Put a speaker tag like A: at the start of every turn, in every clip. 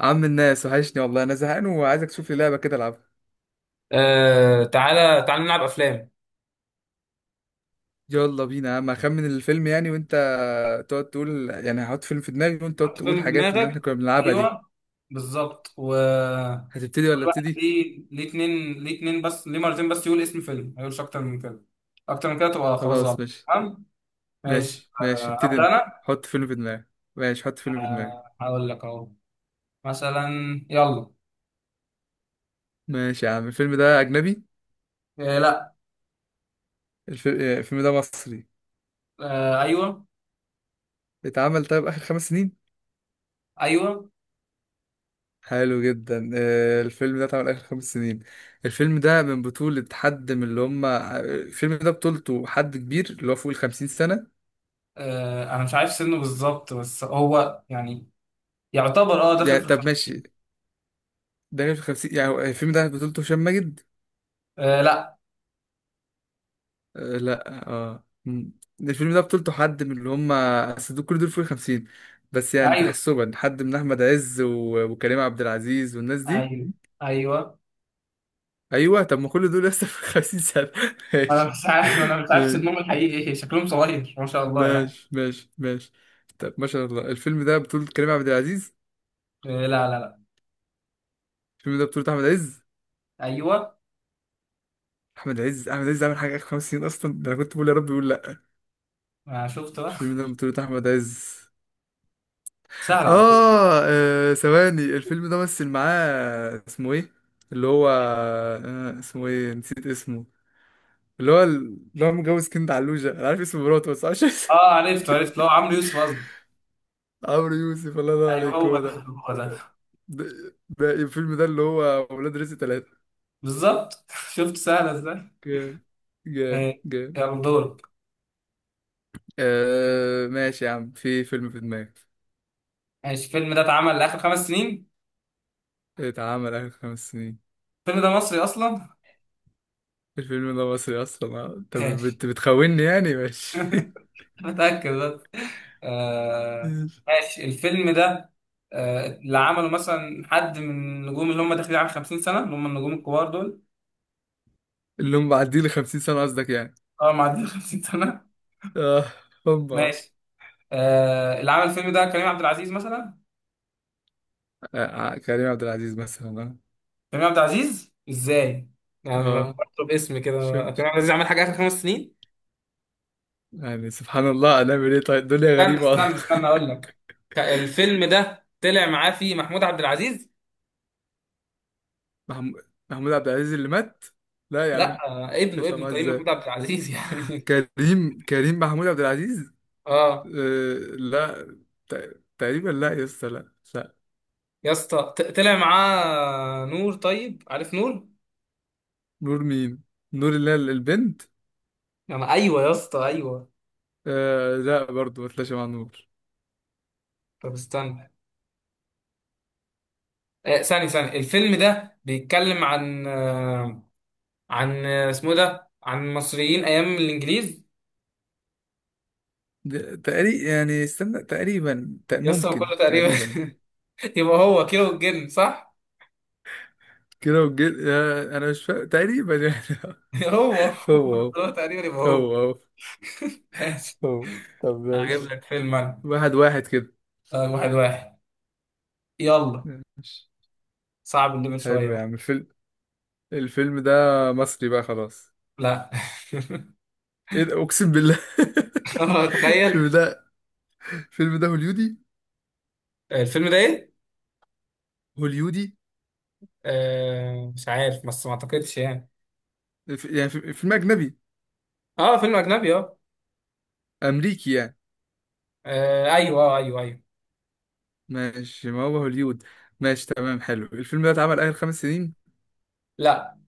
A: عم الناس وحشني والله. انا زهقان وعايزك تشوف لي لعبه كده العبها.
B: آه، تعالى تعالى نلعب افلام.
A: يلا بينا يا عم، اخمن الفيلم يعني، وانت تقعد تقول. يعني هحط فيلم في دماغي وانت تقعد
B: حط
A: تقول
B: فيلم في
A: حاجات اللي
B: دماغك.
A: احنا كنا بنلعبها دي.
B: ايوه. بالظبط و.
A: هتبتدي ولا
B: كل واحد
A: ابتدي؟
B: ليه اتنين، ليه اتنين، بس ليه مرتين بس يقول اسم فيلم، ما يقولش اكتر من كده. اكتر من كده تبقى خلاص
A: خلاص
B: غلط.
A: ماشي.
B: تمام. ماشي.
A: ماشي
B: آه،
A: ابتدي
B: ابدا
A: انت،
B: انا.
A: حط فيلم في دماغك. ماشي، حط فيلم في دماغك.
B: آه، هقول لك اهو. مثلا. يلا.
A: ماشي يا عم، الفيلم ده اجنبي؟
B: آه، لا.
A: الفيلم ده مصري؟
B: آه، ايوه.
A: اتعمل طيب اخر خمس سنين؟
B: ايوه.
A: حلو جدا. الفيلم ده اتعمل اخر خمس سنين. الفيلم ده من بطولة حد من اللي هم آه، الفيلم ده بطولته حد كبير اللي هو فوق الخمسين سنة.
B: آه، انا مش عارف سنه بالظبط، بس هو يعني يعتبر داخل
A: يعني
B: في الخ...
A: طب ماشي، دانيال في الخمسين يعني. هو الفيلم ده بطولته هشام ماجد؟
B: آه، لا.
A: آه لا. الفيلم ده بطولته حد من اللي هم كل دول فوق الخمسين. بس يعني
B: ايوه،
A: تحسبا حد من أحمد عز وكريم عبد العزيز والناس دي.
B: ايوه، ايوه.
A: أيوه، طب ما كل دول لسه في الخمسين سنة
B: انا
A: ماشي
B: مش عارف انا مش عارف
A: ماشي
B: سنهم الحقيقي ايه، شكلهم صغير ما شاء الله يعني.
A: ماشي ماشي. طب ما شاء الله، الفيلم ده بطولة كريم عبد العزيز؟
B: إيه، لا، لا، لا.
A: الفيلم ده بطولة أحمد عز؟
B: ايوه.
A: أحمد عز عمل حاجة آخر خمس سنين أصلا؟ ده أنا كنت بقول يا رب يقول لأ.
B: ما شفت بقى.
A: الفيلم ده بطولة أحمد عز.
B: سهل على فكره.
A: ثواني، الفيلم ده مثل معاه اسمه إيه؟ اللي هو آه، اسمه إيه؟ نسيت اسمه. اللي هو متجوز كند علوشة، أنا عارف اسم مراته بس عشان
B: اه، عرفت عرفت، لو عمرو يوسف قصدي.
A: عمرو يوسف، الله ينور
B: ايوه،
A: عليك،
B: هو
A: هو
B: ده
A: ده.
B: هو ده.
A: ده ده الفيلم ده اللي هو ولاد رزق تلاتة.
B: بالظبط. شفت سهله ازاي.
A: جامد جامد
B: إيه.
A: جامد.
B: يلا دورك.
A: آه ماشي يا عم، في فيلم في دماغي.
B: ماشي، الفيلم ده اتعمل لاخر 5 سنين.
A: اتعمل آخر خمس سنين.
B: الفيلم ده مصري اصلا.
A: الفيلم ده مصري أصلا آه. طب
B: ماشي.
A: بت بتخوني يعني؟ ماشي
B: متاكد بس. آه.
A: ماشي.
B: ماشي، الفيلم ده آه، اللي عمله مثلا حد من النجوم اللي هم داخلين على 50 سنه، اللي هم النجوم الكبار دول.
A: اللي هم معديه لي 50 سنة قصدك يعني؟
B: اه، معديين 50 سنه.
A: اه. هم آه.
B: ماشي. آه، اللي عمل الفيلم ده كريم عبد العزيز مثلا.
A: آه، كريم عبد العزيز مثلا.
B: كريم عبد العزيز ازاي؟ يعني
A: اه
B: أنا
A: اه
B: بطلب اسم كده.
A: شو؟
B: كريم عبد العزيز عمل حاجه اخر 5 سنين.
A: يعني سبحان الله، هنعمل ايه طيب؟ الدنيا
B: استنى
A: غريبة والله
B: استنى استنى اقول لك. الفيلم ده طلع معاه فيه محمود عبد العزيز.
A: محمود عبد العزيز اللي مات؟ لا يا عم.
B: لا، آه، ابنه
A: يطلع
B: ابنه
A: معاه
B: كريم
A: ازاي؟
B: محمود عبد العزيز يعني.
A: كريم محمود عبد العزيز.
B: اه.
A: آه لا. تقريبا لا يا اسطى، لا.
B: يا اسطى، طلع معاه نور، طيب عارف نور؟
A: نور مين؟ نور اللي هي البنت.
B: يعني ايوه يا اسطى، ايوه.
A: آه لا برضه، ما طلعش مع نور.
B: طب استنى. آه، ثاني الفيلم ده بيتكلم عن اسمه ده، عن المصريين ايام الانجليز.
A: تقريبا يعني، استنى،
B: يس، هو
A: ممكن
B: كله تقريبا.
A: تقريبا يعني.
B: يبقى هو كيلو الجن، صح؟
A: كده والجن؟ آه، انا مش فاهم تقريبا يعني
B: هو.
A: هو
B: هو تقريبا يبقى
A: هو
B: هو.
A: هو هو
B: ماشي.
A: هو طب
B: انا هجيب
A: ماشي.
B: لك فيلم انا.
A: واحد واحد كده.
B: آه، واحد واحد. يلا.
A: ماشي،
B: صعب الليفل شويه
A: حلو يا
B: بقى.
A: عم الفيلم. الفيلم ده مصري بقى؟ خلاص،
B: لا.
A: ايه ده، اقسم بالله
B: اه، تخيل.
A: الفيلم ده، الفيلم ده هوليودي.
B: الفيلم ده ايه؟
A: هوليودي.
B: آه، مش عارف بس ما اعتقدش يعني.
A: يعني فيلم اجنبي.
B: اه، فيلم اجنبي، اه.
A: امريكي يعني.
B: آه، ايوه، اه، ايوه، ايوه.
A: ماشي، ما هو هوليود. ماشي تمام. حلو، الفيلم ده اتعمل اخر خمس سنين؟
B: لا.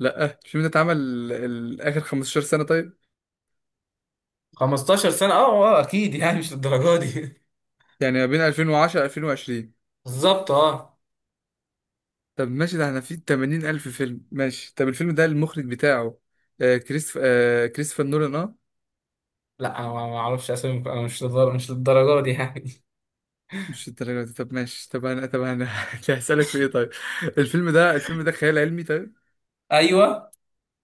A: لا، الفيلم ده اتعمل اخر 15 سنة طيب؟
B: 15 سنه، اه، اه، اكيد يعني مش للدرجه دي.
A: يعني ما بين 2010 2020.
B: بالظبط، اه.
A: طب ماشي، ده احنا في 80 ألف فيلم. ماشي. طب الفيلم ده المخرج بتاعه آه كريستف آه كريستوفر نولان، اه؟
B: لا، أنا ما اعرفش اسامي، أنا مش للدرجه دي يعني.
A: مش الدرجة دي؟ طب ماشي. طب انا هسألك في ايه طيب. الفيلم ده خيال علمي طيب؟
B: ايوه.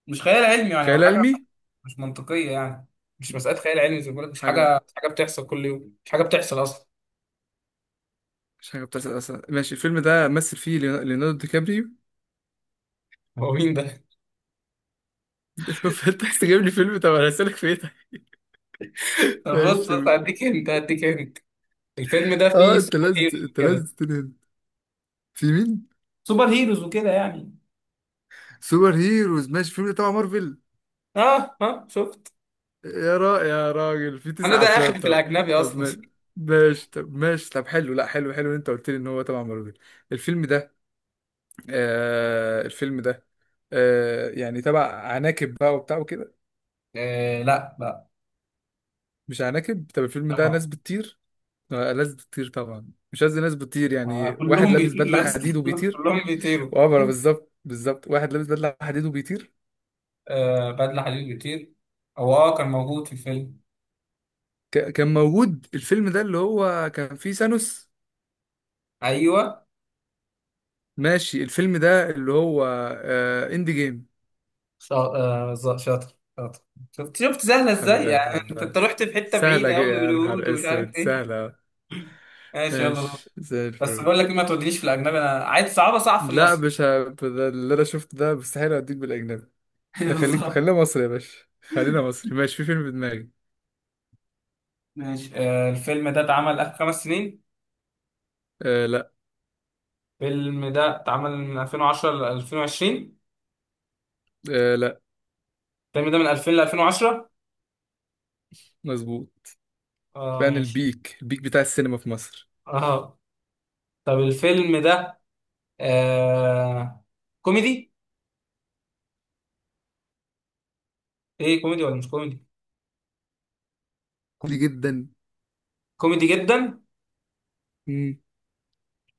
B: مش خيال علمي يعني، هو
A: خيال
B: حاجه
A: علمي.
B: مش منطقيه يعني. مش مساله خيال علمي، زي ما بقول لك، مش
A: حاجة
B: حاجه مش حاجه بتحصل كل يوم، مش حاجه بتحصل اصلا.
A: مش حاجة بتحصل أصلا؟ ماشي، الفيلم ده مثل فيه ليوناردو دي كابريو.
B: هو مين ده؟
A: فانت عايز تجيب لي فيلم، طب انا هسألك في ايه طيب؟
B: طب، بص
A: ماشي
B: بص،
A: تمام.
B: هديك انت هديك انت. الفيلم ده
A: اه
B: فيه
A: انت
B: سوبر
A: لازم
B: هيروز
A: انت لازم
B: كده.
A: تنهد. في مين؟
B: سوبر هيروز وكده يعني.
A: سوبر هيروز. ماشي، الفيلم ده تبع مارفل؟
B: اه، اه، شفت.
A: يا را يا راجل، في
B: انا
A: تسع
B: ده اخر
A: افلام
B: في
A: طب.
B: الاجنبي
A: طب
B: اصلا.
A: ما- ماشي، طب ماشي، طب حلو، لا حلو حلو إن انت قلت لي ان هو تبع مارفل. الفيلم ده، الفيلم ده، آه يعني تبع عناكب بقى وبتاع وكده؟
B: آه، لا، لا.
A: مش عناكب؟ طب الفيلم ده
B: طبعا.
A: ناس بتطير؟ آه، ناس بتطير طبعا، مش قصدي ناس بتطير،
B: آه،
A: يعني واحد
B: كلهم
A: لابس
B: بيطيروا
A: بدلة
B: يا اسطى.
A: حديد وبيطير.
B: كلهم بيطيروا.
A: وعبرة، بالظبط بالظبط، واحد لابس بدلة حديد وبيطير.
B: آه، بدلة حديد بيطير. هو كان موجود في الفيلم.
A: كان موجود. الفيلم ده اللي هو كان فيه ثانوس؟
B: ايوه.
A: ماشي، الفيلم ده اللي هو آه اند جيم.
B: شاطر شاطر. شفت شفت سهله
A: حبيب
B: ازاي،
A: قلبي
B: يعني انت
A: والله.
B: رحت في حته بعيده قوي
A: يا
B: باليهود
A: نهار
B: ومش
A: اسود
B: عارف ايه.
A: سهلة.
B: ماشي، يلا دور.
A: ماشي زي
B: بس
A: الفل.
B: بقول لك إيه، ما تودينيش في الاجنبي، انا عايز صعبه، صعب في
A: لا
B: المصري.
A: مش ده اللي انا شفته ده، مستحيل اديك بالاجنبي. ده خليك،
B: بالظبط.
A: خلينا مصري يا باشا. خلينا مصري، ماشي، في فيلم في دماغي.
B: ماشي، آه، الفيلم ده اتعمل اخر 5 سنين.
A: آه لا.
B: الفيلم ده اتعمل من 2010 ل 2020.
A: آه لا.
B: الفيلم ده من 2000 ل 2010.
A: مظبوط.
B: اه،
A: فعلا،
B: ماشي.
A: البيك البيك بتاع السينما في مصر.
B: اه، طب الفيلم ده آه كوميدي. ايه، كوميدي ولا مش كوميدي؟
A: كوميدي جدا.
B: كوميدي جدا.
A: امم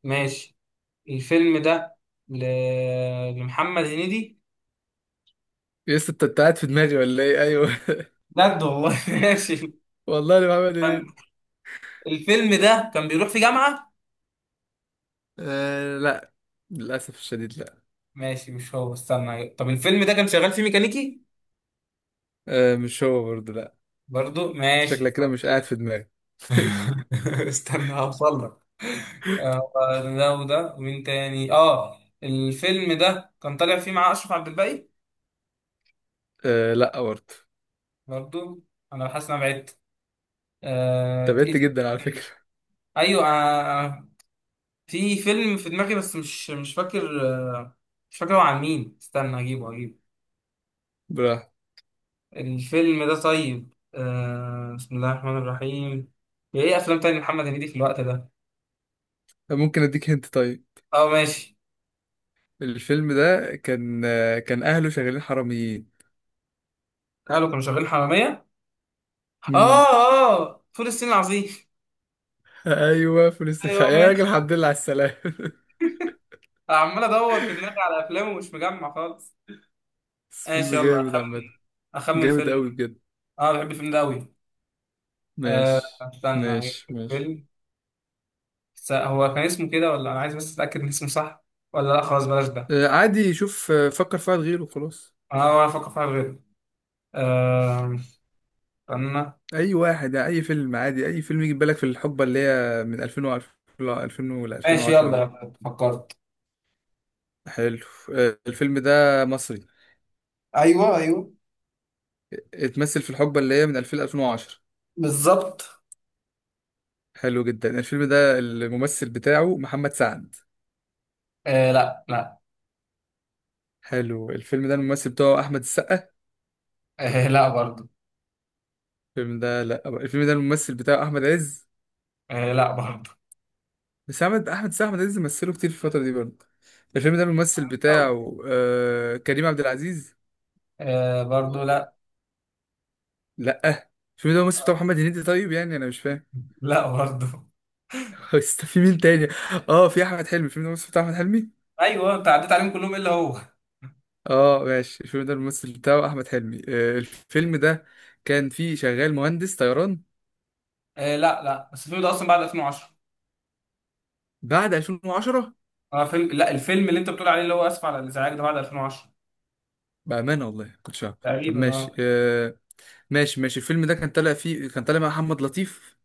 B: ماشي. الفيلم ده ل... لمحمد هنيدي.
A: يس، انت انت قاعد في دماغي ولا ايه؟ ايوه
B: بجد والله. ماشي.
A: والله انا بعمل ايه.
B: الفيلم ده كان بيروح في جامعة.
A: آه لا، للاسف الشديد لا.
B: ماشي، مش هو. استنى، طب الفيلم ده كان شغال فيه ميكانيكي.
A: آه مش هو برضه لا.
B: برضو
A: أنت شكلك
B: ماشي،
A: كده
B: طب.
A: مش قاعد في دماغي
B: استنى هوصل لك. آه، ده وده ومين تاني، الفيلم ده كان طالع فيه مع اشرف عبد الباقي.
A: آه لا برضه.
B: برضو. انا حاسس ان انا بعدت.
A: تابعت
B: إيه؟
A: جدا على فكرة.
B: تاني؟ ايوه. في فيلم في دماغي، بس مش فاكر. آه، مش فاكر هو عن مين. استنى اجيبه اجيبه.
A: براحة.
B: الفيلم ده طيب. بسم الله الرحمن الرحيم. يا، ايه افلام تاني محمد هنيدي في الوقت ده؟
A: ممكن اديك هنت طيب.
B: اه، ماشي.
A: الفيلم ده كان اهله شغالين حراميين.
B: قالوا كانوا شغالين حرامية. اه.
A: امم
B: اه، فول الصين العظيم.
A: ايوه،
B: ايوه،
A: يا راجل
B: ماشي.
A: الحمد لله على السلامة
B: عمال ادور في دماغي على افلامه ومش مجمع خالص.
A: بس فيلم
B: ماشي، يلا
A: جامد
B: اخمن.
A: عامة.
B: اخمن
A: جامد
B: فيلم.
A: قوي بجد.
B: اه، بحب الفيلم ده قوي. آه،
A: ماشي
B: استنى أجيب
A: ماشي ماشي
B: فيلم. هو كان اسمه كده؟ ولا انا عايز بس اتاكد ان اسمه صح. ولا، لا، خلاص بلاش ده.
A: آه، عادي، شوف، آه، فكر في واحد غيره خلاص.
B: اه، ولا افكر فيها غير. آه، استنى.
A: اي واحد، اي فيلم عادي، اي فيلم يجي في بالك في الحقبة اللي هي من 2000 ل
B: ماشي،
A: 2010
B: يلا
A: دي.
B: يلا فكرت.
A: حلو. آه، الفيلم ده مصري،
B: ايوه، ايوه.
A: اتمثل في الحقبة اللي هي من 2000 ل 2010.
B: بالظبط.
A: حلو جدا، الفيلم ده الممثل بتاعه محمد سعد؟
B: آه، لا، لا.
A: حلو، الفيلم ده الممثل بتاعه احمد السقا؟
B: آه، لا، برضو.
A: الفيلم ده، لا الفيلم ده الممثل بتاعه احمد عز؟
B: آه، لا، برضو.
A: بس احمد السقا، احمد عز مثله كتير في الفتره دي برضه. الفيلم ده الممثل
B: أو.
A: بتاعه كريم عبد العزيز؟
B: آه، برضو، لا.
A: لا. الفيلم ده الممثل بتاعه محمد هنيدي؟ طيب يعني انا مش فاهم.
B: لا، برضو.
A: في مين تاني؟ اه في احمد حلمي. الفيلم ده الممثل بتاعه احمد حلمي.
B: ايوه، انت عديت عليهم كلهم الا هو.
A: اه ماشي، الفيلم ده الممثل بتاعه احمد حلمي. الفيلم ده كان فيه شغال مهندس طيران.
B: آه، لا، لا، بس الفيلم ده اصلا بعد 2010.
A: بعد 2010؟
B: اه، فيلم لا الفيلم اللي انت بتقول عليه، اللي هو اسف على الازعاج ده، بعد 2010.
A: بأمانة والله كنتش عارف. طب
B: تقريبا،
A: ماشي
B: اه.
A: آه. ماشي، الفيلم ده كان طالع فيه، كان طالع مع محمد لطيف.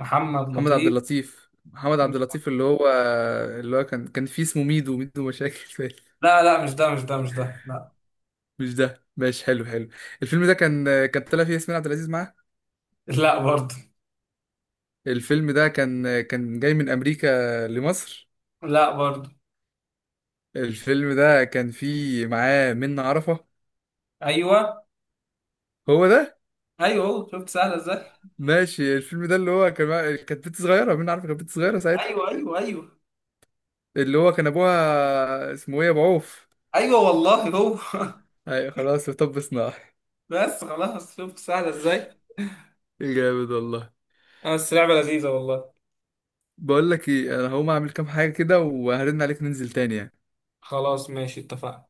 B: محمد
A: محمد عبد
B: لطيف.
A: اللطيف، محمد عبد اللطيف اللي هو اللي هو كان فيه اسمه ميدو، ميدو مشاكل فيه.
B: لا، لا، مش ده مش ده مش ده، لا.
A: مش ده ماشي، حلو حلو. الفيلم ده كان طالع فيه ياسمين عبد العزيز معاه.
B: لا، برضو.
A: الفيلم ده كان جاي من أمريكا لمصر.
B: لا، برضو.
A: الفيلم ده كان فيه معاه منة عرفة.
B: ايوه.
A: هو ده.
B: ايوه، شفت سهله ازاي.
A: ماشي، الفيلم ده اللي هو كان كانت بنت صغيرة، منة عرفة كانت بنت صغيرة ساعتها.
B: ايوه، ايوه، ايوه.
A: اللي هو كان أبوها اسمه إيه، أبو عوف.
B: ايوه والله هو.
A: ايوه خلاص طب صناعي.
B: بس خلاص، شفت سهله ازاي.
A: جامد والله.
B: آه، بس لعبه لذيذه والله.
A: بقول لك ايه، انا هقوم اعمل كام حاجه كده وهرن عليك ننزل تاني يعني.
B: خلاص ماشي، اتفقنا.